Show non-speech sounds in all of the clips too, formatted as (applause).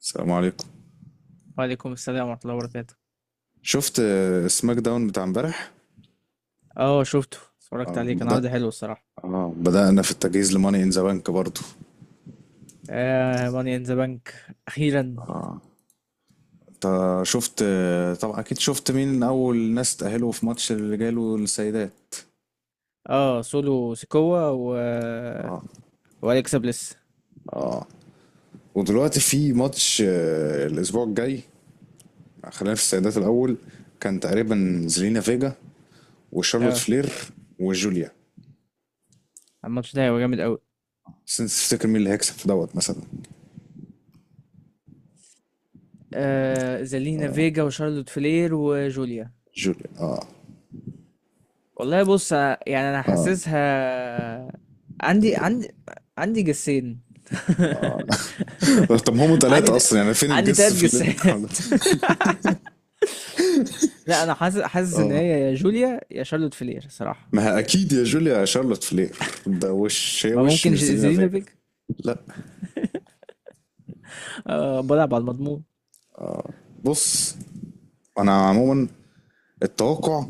السلام عليكم. وعليكم السلام ورحمة الله وبركاته. شفت سماك داون بتاع امبارح. اه شفته اتفرجت اه عليه، كان عرض بدأ حلو الصراحة. اه بدأنا في التجهيز لماني ان ذا بانك برضه. آه، ماني ان ذا بانك أخيرا. انت شفت، طبعا اكيد شفت مين اول ناس تأهلوا في ماتش الرجال والسيدات. اه سولو سيكوا وأليكسا بليس. ودلوقتي في ماتش الاسبوع الجاي. خلينا في السيدات الاول. كان تقريبا زلينا فيجا وشارلوت اه فلير وجوليا. الماتش ده هيبقى جامد أوي. بس انت تفتكر مين اللي هيكسب في دوت مثلا؟ آه، زالينا فيجا وشارلوت فلير وجوليا. جوليا، اه. والله بص، يعني أنا حاسسها. عندي عندي جسين. (laughs) (laughs) طب هم ثلاثة عندي اصلا، يعني فين عندي الجس تلات في اللي جسات. (laughs) (laughs) لا، انا حاسس ان هي يا جوليا يا شارلوت فلير صراحة. ما هي اكيد يا جوليا شارلوت فلير. ده وش هي ما وش ممكن مش زيلينا فيجا. زيلينوفيك. لا. آه، بلعب على المضمون. بص، انا عموما التوقع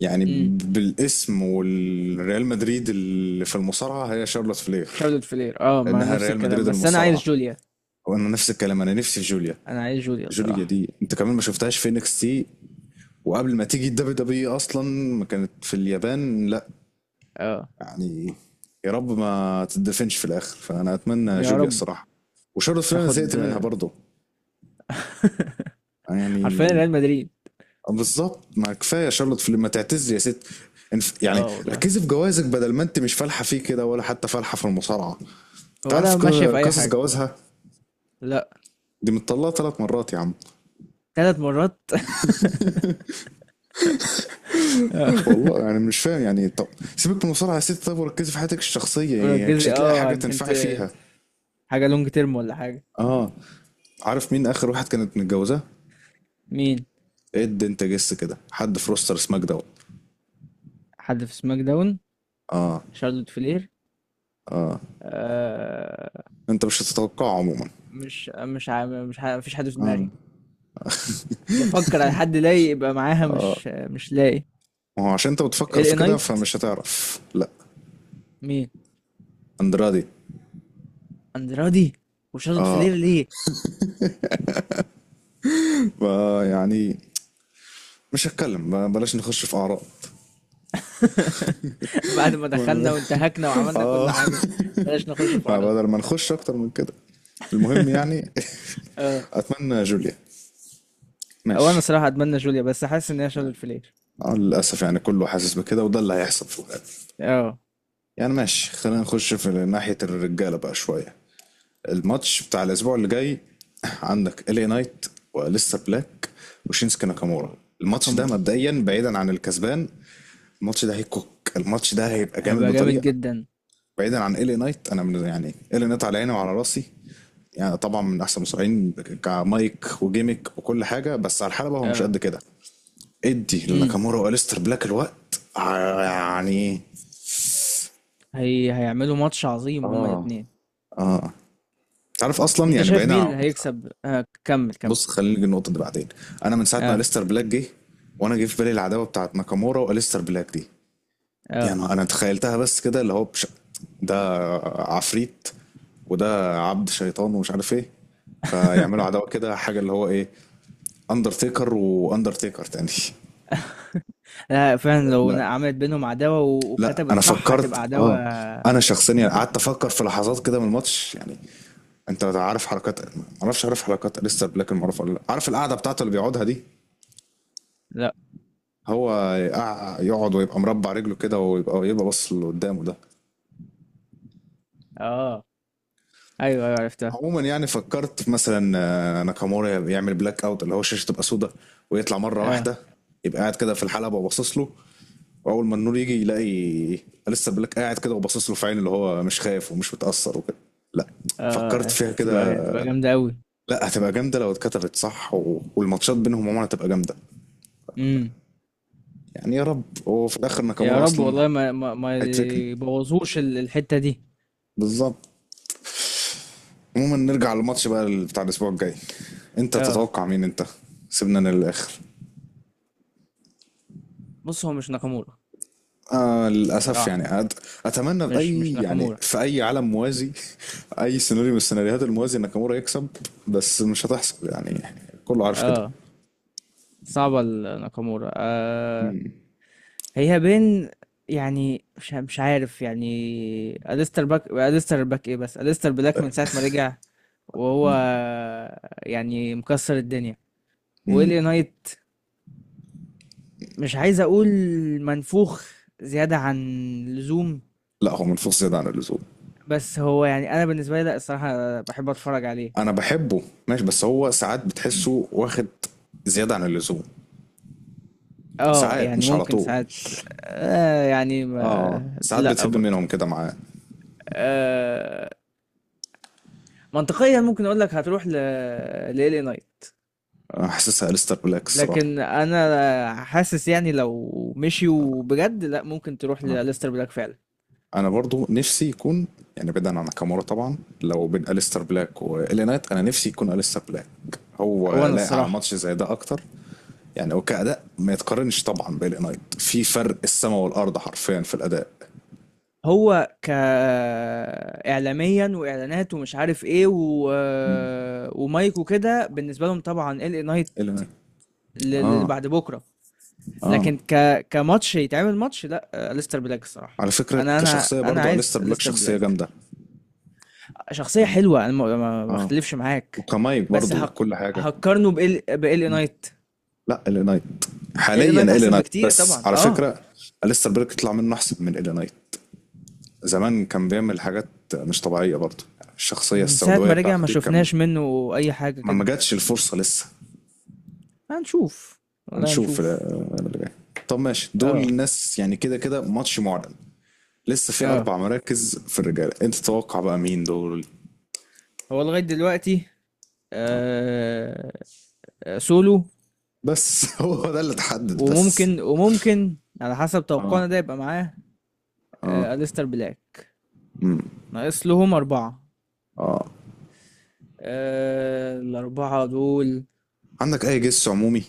يعني امم بالاسم والريال مدريد اللي في المصارعه هي شارلوت فلير، شارلوت فلير، اه، مع لانها نفس ريال الكلام، مدريد بس انا عايز المصارعه. جوليا. وانا نفس الكلام، انا نفسي في جوليا. انا عايز جوليا جوليا صراحة. دي انت كمان ما شفتهاش في انكس تي، وقبل ما تيجي الدبليو دبليو اصلا ما كانت في اليابان؟ لا اه، يعني. يا رب ما تدفنش في الاخر، فانا اتمنى يا جوليا رب الصراحه. وشارلوت فلين أنا تاخد. زهقت منها برضه (laughs) حرفيا يعني. ريال مدريد. بالظبط، ما كفايه شارلوت فلين، ما تعتزلي يا ست. يعني اه والله. ركزي في جوازك بدل ما انت مش فالحه فيه كده ولا حتى فالحه في المصارعه. انت عارف ولا ماشية في اي قصص حاجة. جوازها. لا، دي متطلقه 3 مرات يا عم. ثلاث مرات. (laughs) آه. (laughs) والله يعني مش فاهم، يعني طب سيبك من المصارعه يا ست، طب وركزي في حياتك الشخصيه، يعني مش ركزي، هتلاقي اه، حاجه تنفعي فيها. حاجة لونج تيرم ولا حاجة. اه، عارف مين اخر واحد كانت متجوزاه؟ مين؟ اد انت جس كده حد في روستر سماك داون. حد في سماك داون، شارلوت فلير. آه، انت مش هتتوقعه عموما. مش مش عا- مش عا- مفيش حد في دماغي. بفكر على حد لاقي يبقى معاها، مش لاقي. وهو عشان انت بتفكر ال اي في كده نايت. فمش هتعرف. لا. مين؟ اندرادي. اندرادي وشارلوت فلير، ليه؟ يعني مش هتكلم بلاش نخش في اعراض. (laughs) بعد ما دخلنا (laughs) وانتهكنا (applause) وعملنا كل اه، حاجه، بلاش نخش في عرض. بدل ما نخش اكتر من كده. المهم (laughs) يعني، اه. اتمنى جوليا. وانا ماشي. صراحه اتمنى جوليا، بس حاسس ان هي شارلوت فلير. للاسف يعني كله حاسس بكده، وده اللي هيحصل في الغالب. اه يعني ماشي، خلينا نخش في ناحيه الرجاله بقى شويه. الماتش بتاع الاسبوع اللي جاي، عندك الي نايت وليستر بلاك وشينسكي ناكامورا. و- الماتش ده ناكامورا. مبدئيا بعيدا عن الكسبان، الماتش ده هيكوك، الماتش ده هيبقى جامد هيبقى جامد بطريقه. جدا. بعيدا عن ال نايت، انا من يعني ال نايت على عيني وعلى راسي. يعني طبعا من احسن المصارعين كمايك وجيمك وكل حاجه، بس على الحلبه هو مش قد اه. كده. ادي امم لناكامورا واليستر بلاك الوقت يعني. هيعملوا ماتش عظيم هما اه، الاثنين. اه. تعرف اصلا انت يعني شايف بعيدا مين عن. اللي هيكسب؟ آه، كمل. بص خلينا نيجي النقطه دي بعدين. انا من ساعه ما اه. اليستر بلاك جه، وانا جه في بالي العداوه بتاعت ناكامورا واليستر بلاك دي. اه. يعني انا تخيلتها بس كده، اللي هو ده عفريت، وده عبد شيطان ومش عارف ايه. فيعملوا عداوة (laughs) كده حاجة اللي هو ايه، اندرتيكر واندرتيكر تاني. لا، فعلا لو لا عملت بينهم عداوه لا، وكتبت انا صح فكرت، هتبقى عداوه اه انا شخصيا يعني قعدت مميتة. افكر في لحظات كده من الماتش يعني. انت عارف حركات، ما اعرفش عارف حركات لسه بلاك المعروفة ولا لا، عارف القعدة بتاعته اللي بيقعدها دي. لا. هو يقعد ويبقى مربع رجله كده، ويبقى يبقى باص اللي قدامه ده. اه. أيوه، أيوه عرفتها. عموما يعني فكرت في مثلا ناكامورا يعمل بلاك اوت، اللي هو الشاشه تبقى سودة ويطلع مره آه. واحده، يبقى قاعد كده في الحلبه وباصص له. واول ما النور يجي يلاقي لسه بلاك قاعد كده وباصص له في عين، اللي هو مش خايف ومش متاثر وكده. لا، فكرت آه، فيها كده. هتبقى جامدة أوي. لا، هتبقى جامده لو اتكتبت صح، و... والماتشات بينهم عموما هتبقى جامده. إمم. يعني يا رب، هو في الاخر يا ناكامورا رب، اصلا والله ما هيتركن. يبوظوش الحتّة دي. بالظبط. عموما نرجع للماتش بقى بتاع الاسبوع الجاي، انت آه. تتوقع مين انت؟ سيبنا للاخر. بُص، هو مش ناكامورا للأسف الصراحة. يعني أتمنى بأي مش يعني ناكامورا. في أي عالم موازي. (laughs) أي سيناريو من السيناريوهات الموازي ناكامورا يكسب. بس مش هتحصل يعني، كله عارف كده. آه، صعبة ال ناكامورا. هي بين، يعني مش عارف يعني. أليستر باك أليستر باك إيه بس، أليستر بلاك من ساعة ما رجع، وهو يعني مكسّر الدنيا. وLA Knight، مش عايز اقول منفوخ زيادة عن اللزوم، لا هو منفوخ زيادة عن اللزوم. بس هو يعني انا بالنسبة لي لا، الصراحة بحب اتفرج عليه. أنا بحبه ماشي، بس هو ساعات بتحسه واخد زيادة عن اللزوم. اه، ساعات يعني مش على ممكن طول. ساعات. آه يعني، اه ما ساعات لا بتهب برضه. منهم كده معاه. آه. منطقيا ممكن اقول لك هتروح لالي نايت، أنا حاسسها أليستر بلاك الصراحة. لكن انا حاسس يعني لو مشيوا بجد لا، ممكن تروح آه. لاليستر بلاك فعلا. انا برضو نفسي يكون، يعني بعيدا عن ناكامورا طبعا، لو بين اليستر بلاك والي نايت انا نفسي يكون اليستر بلاك. هو وانا لايق على الصراحة. ماتش زي ده اكتر. يعني هو كاداء ما يتقارنش طبعا بالي نايت، في فرق السماء والارض حرفيا في الاداء. هو ك اعلاميا واعلانات ومش عارف ايه مم. ومايك وكده، بالنسبه لهم طبعا ال نايت الي نايت. اللي اه. بعد بكره. اه. لكن ك كماتش يتعمل ماتش، لا ليستر بلاك الصراحه. على فكره كشخصيه انا برضو عايز اليستر بلاك ليستر شخصيه بلاك. جامده. شخصيه آه. حلوه، انا ما اه. اختلفش معاك. وكمايك بس برضو هق... كل حاجه. هقارنه بال نايت. لا الي نايت، ال حاليا نايت الي احسن نايت بكتير بس طبعا، على اه. فكره. اليستر بلاك يطلع منه احسن من الي نايت. زمان كان بيعمل حاجات مش طبيعية برضه، الشخصية من ساعه السوداوية ما رجع بتاعته ما دي كان. شفناش منه اي حاجه ما كده. جاتش الفرصة لسه. هنشوف، والله هنشوف هنشوف. اللي جاي. طب ماشي، دول اه. ناس يعني كده كده ماتش معلن. لسه في اه. 4 مراكز في الرجالة، أنت تتوقع بقى مين دول؟ هو لغاية دلوقتي، آه، آه، سولو. بس (laughs) هو ده اللي اتحدد بس. وممكن، وممكن على حسب اه. توقعنا ده يبقى معاه، آه، أليستر بلاك. ناقص لهم أربعة، اه. آه، الأربعة دول. عندك أي جس عمومي؟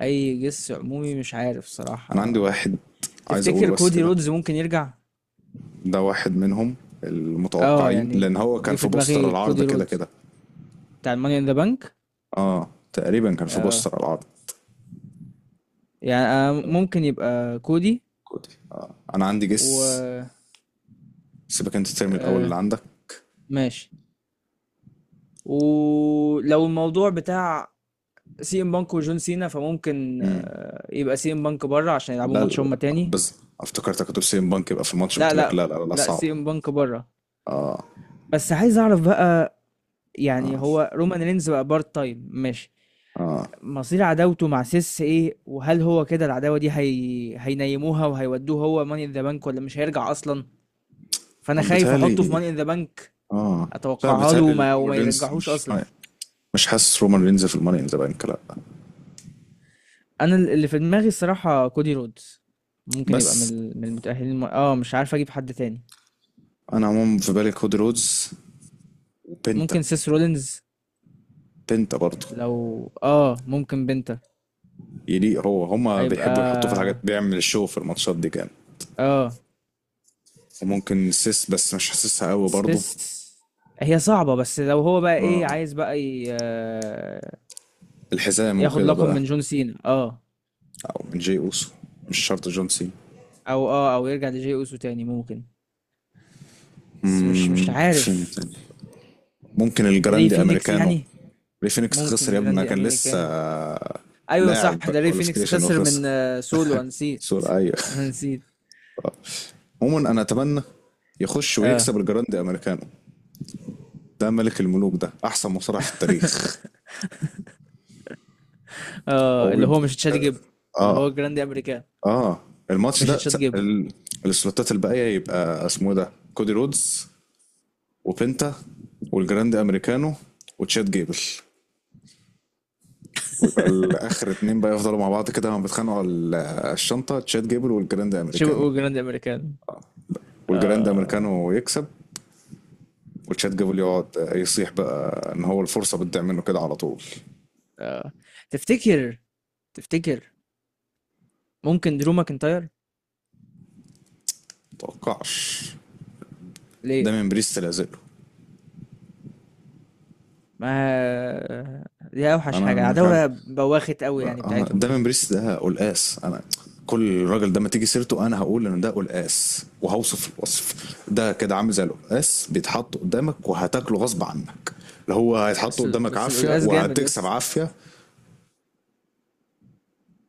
أي جس عمومي؟ مش عارف أنا عندي صراحة. واحد، عايز أقوله تفتكر بس كودي كده. رودز ممكن يرجع؟ ده واحد منهم اه، المتوقعين، يعني لأن هو جه كان في في بوستر دماغي العرض كودي كده رودز كده. بتاع الماني ان ذا بانك. اه تقريبا كان في اه، بوستر العرض. يعني آه ممكن يبقى كودي. كودي، آه. انا عندي جس. و سيبك انت، ترمي الاول اللي آه، عندك. ماشي. ولو الموضوع بتاع سي ام بانك وجون سينا، فممكن آه يبقى سي ام بانك بره عشان يلعبوا لا لا ماتش هما لا. تاني. بس افتكرتك هتقول سيم بانك يبقى في الماتش، لا قلت لك لا لا لا لا لا، صعب. سي ام بانك بره. اه. بس عايز اعرف بقى، يعني هو رومان رينز بقى بارت تايم ماشي، اه. مصير عداوته مع سيس ايه، وهل هو كده العداوة دي هينيموها وهيودوه هو ماني ان ذا بانك ولا مش هيرجع اصلا؟ فانا خايف احطه في بيتهيألي ماني ان ذا بانك، اه. لا اتوقعها له بيتهيألي الرومان وما رينز يرجعهوش مش، اصلا. مش حاسس رومان رينز في الماني ان ذا بانك، لا. انا اللي في دماغي الصراحة كودي رودز. ممكن يبقى من بس من المتأهلين، مش عارف اجيب حد تاني. انا عموما في بالي كودي رودز وبنتا. ممكن سيس رولينز. بنتا برضه لو اه، ممكن بنتا. يليق، هو هما هيبقى بيحبوا يحطوه في الحاجات، بيعمل الشو في الماتشات دي كان. اه. وممكن سيس، بس مش حاسسها قوي برضه. سيس، هي صعبة، بس لو هو بقى اه ايه عايز بقى آه، الحزام ياخد وكده لقب بقى. من جون سينا، اه. او من جي اوسو، مش شرط جون سينا. او اه، او يرجع لجي اوسو تاني ممكن. بس مش في مين عارف. تاني؟ ممكن ري الجراندي فينيكس امريكانو. يعني. ري فينيكس ممكن خسر يا ابني، ما الجراندي كان لسه امريكان. ايوه صح، لاعب ده ري فينيكس كواليفيكيشن خسر من وخسر. آه سولو، أنا نسيت. سؤال. ايوه. انا نسيت. عموما انا اتمنى يخش اه. ويكسب الجراندي امريكانو. ده ملك الملوك، ده احسن مصارع في التاريخ. (laughs) اه، هو اللي هو يبقى، مش تشات جيبر. اللي اه. هو جراندي امريكان، اه. الماتش مش ده تشات جيبر. السلوتات الباقيه يبقى اسمه إيه، ده كودي رودز وبنتا والجراند امريكانو وتشاد جيبل. ويبقى (laughs) الاخر 2 بقى يفضلوا مع بعض كده، هما بيتخانقوا على الشنطه، تشات جيبل والجراند شو امريكانو. جراند امريكان. والجراند آه. امريكانو يكسب. وتشات جيبل يقعد يصيح بقى ان هو الفرصه بتضيع منه كده على طول. آه. تفتكر، تفتكر ممكن درو ماكنتاير؟ متوقعش، ده ليه؟ من بريست لازله. ما دي اوحش انا حاجه، مش عارف، عداوه بواخت قوي يعني بتاعتهم ده دي. من بريست ده قلقاس انا. كل راجل ده ما تيجي سيرته انا هقول ان ده قلقاس، وهوصف الوصف. ده كده عامل زي القلقاس بيتحط قدامك وهتاكله غصب عنك. اللي هو هيتحط قدامك بس عافيه، القلقاس جامد يا وهتكسب اسطى، عافيه.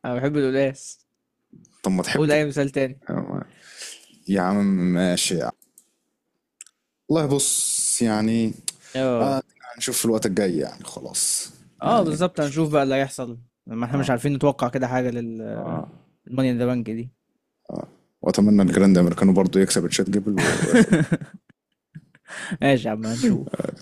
انا بحب القلقاس. طب ما قول تحبه. اي مثال تاني. أه، يا عم. ماشي يا عم. والله بص يعني. اه. آه، هنشوف في الوقت الجاي يعني خلاص. اه يعني بالظبط، هنشوف نشوف. بقى اللي هيحصل. ما احنا اه. مش عارفين نتوقع كده حاجه للماني اه. ان ذا بانك دي. واتمنى الجراند امريكانو برضو يكسب تشات جيبل وياخد. (laughs) ماشي يا عم، هنشوف.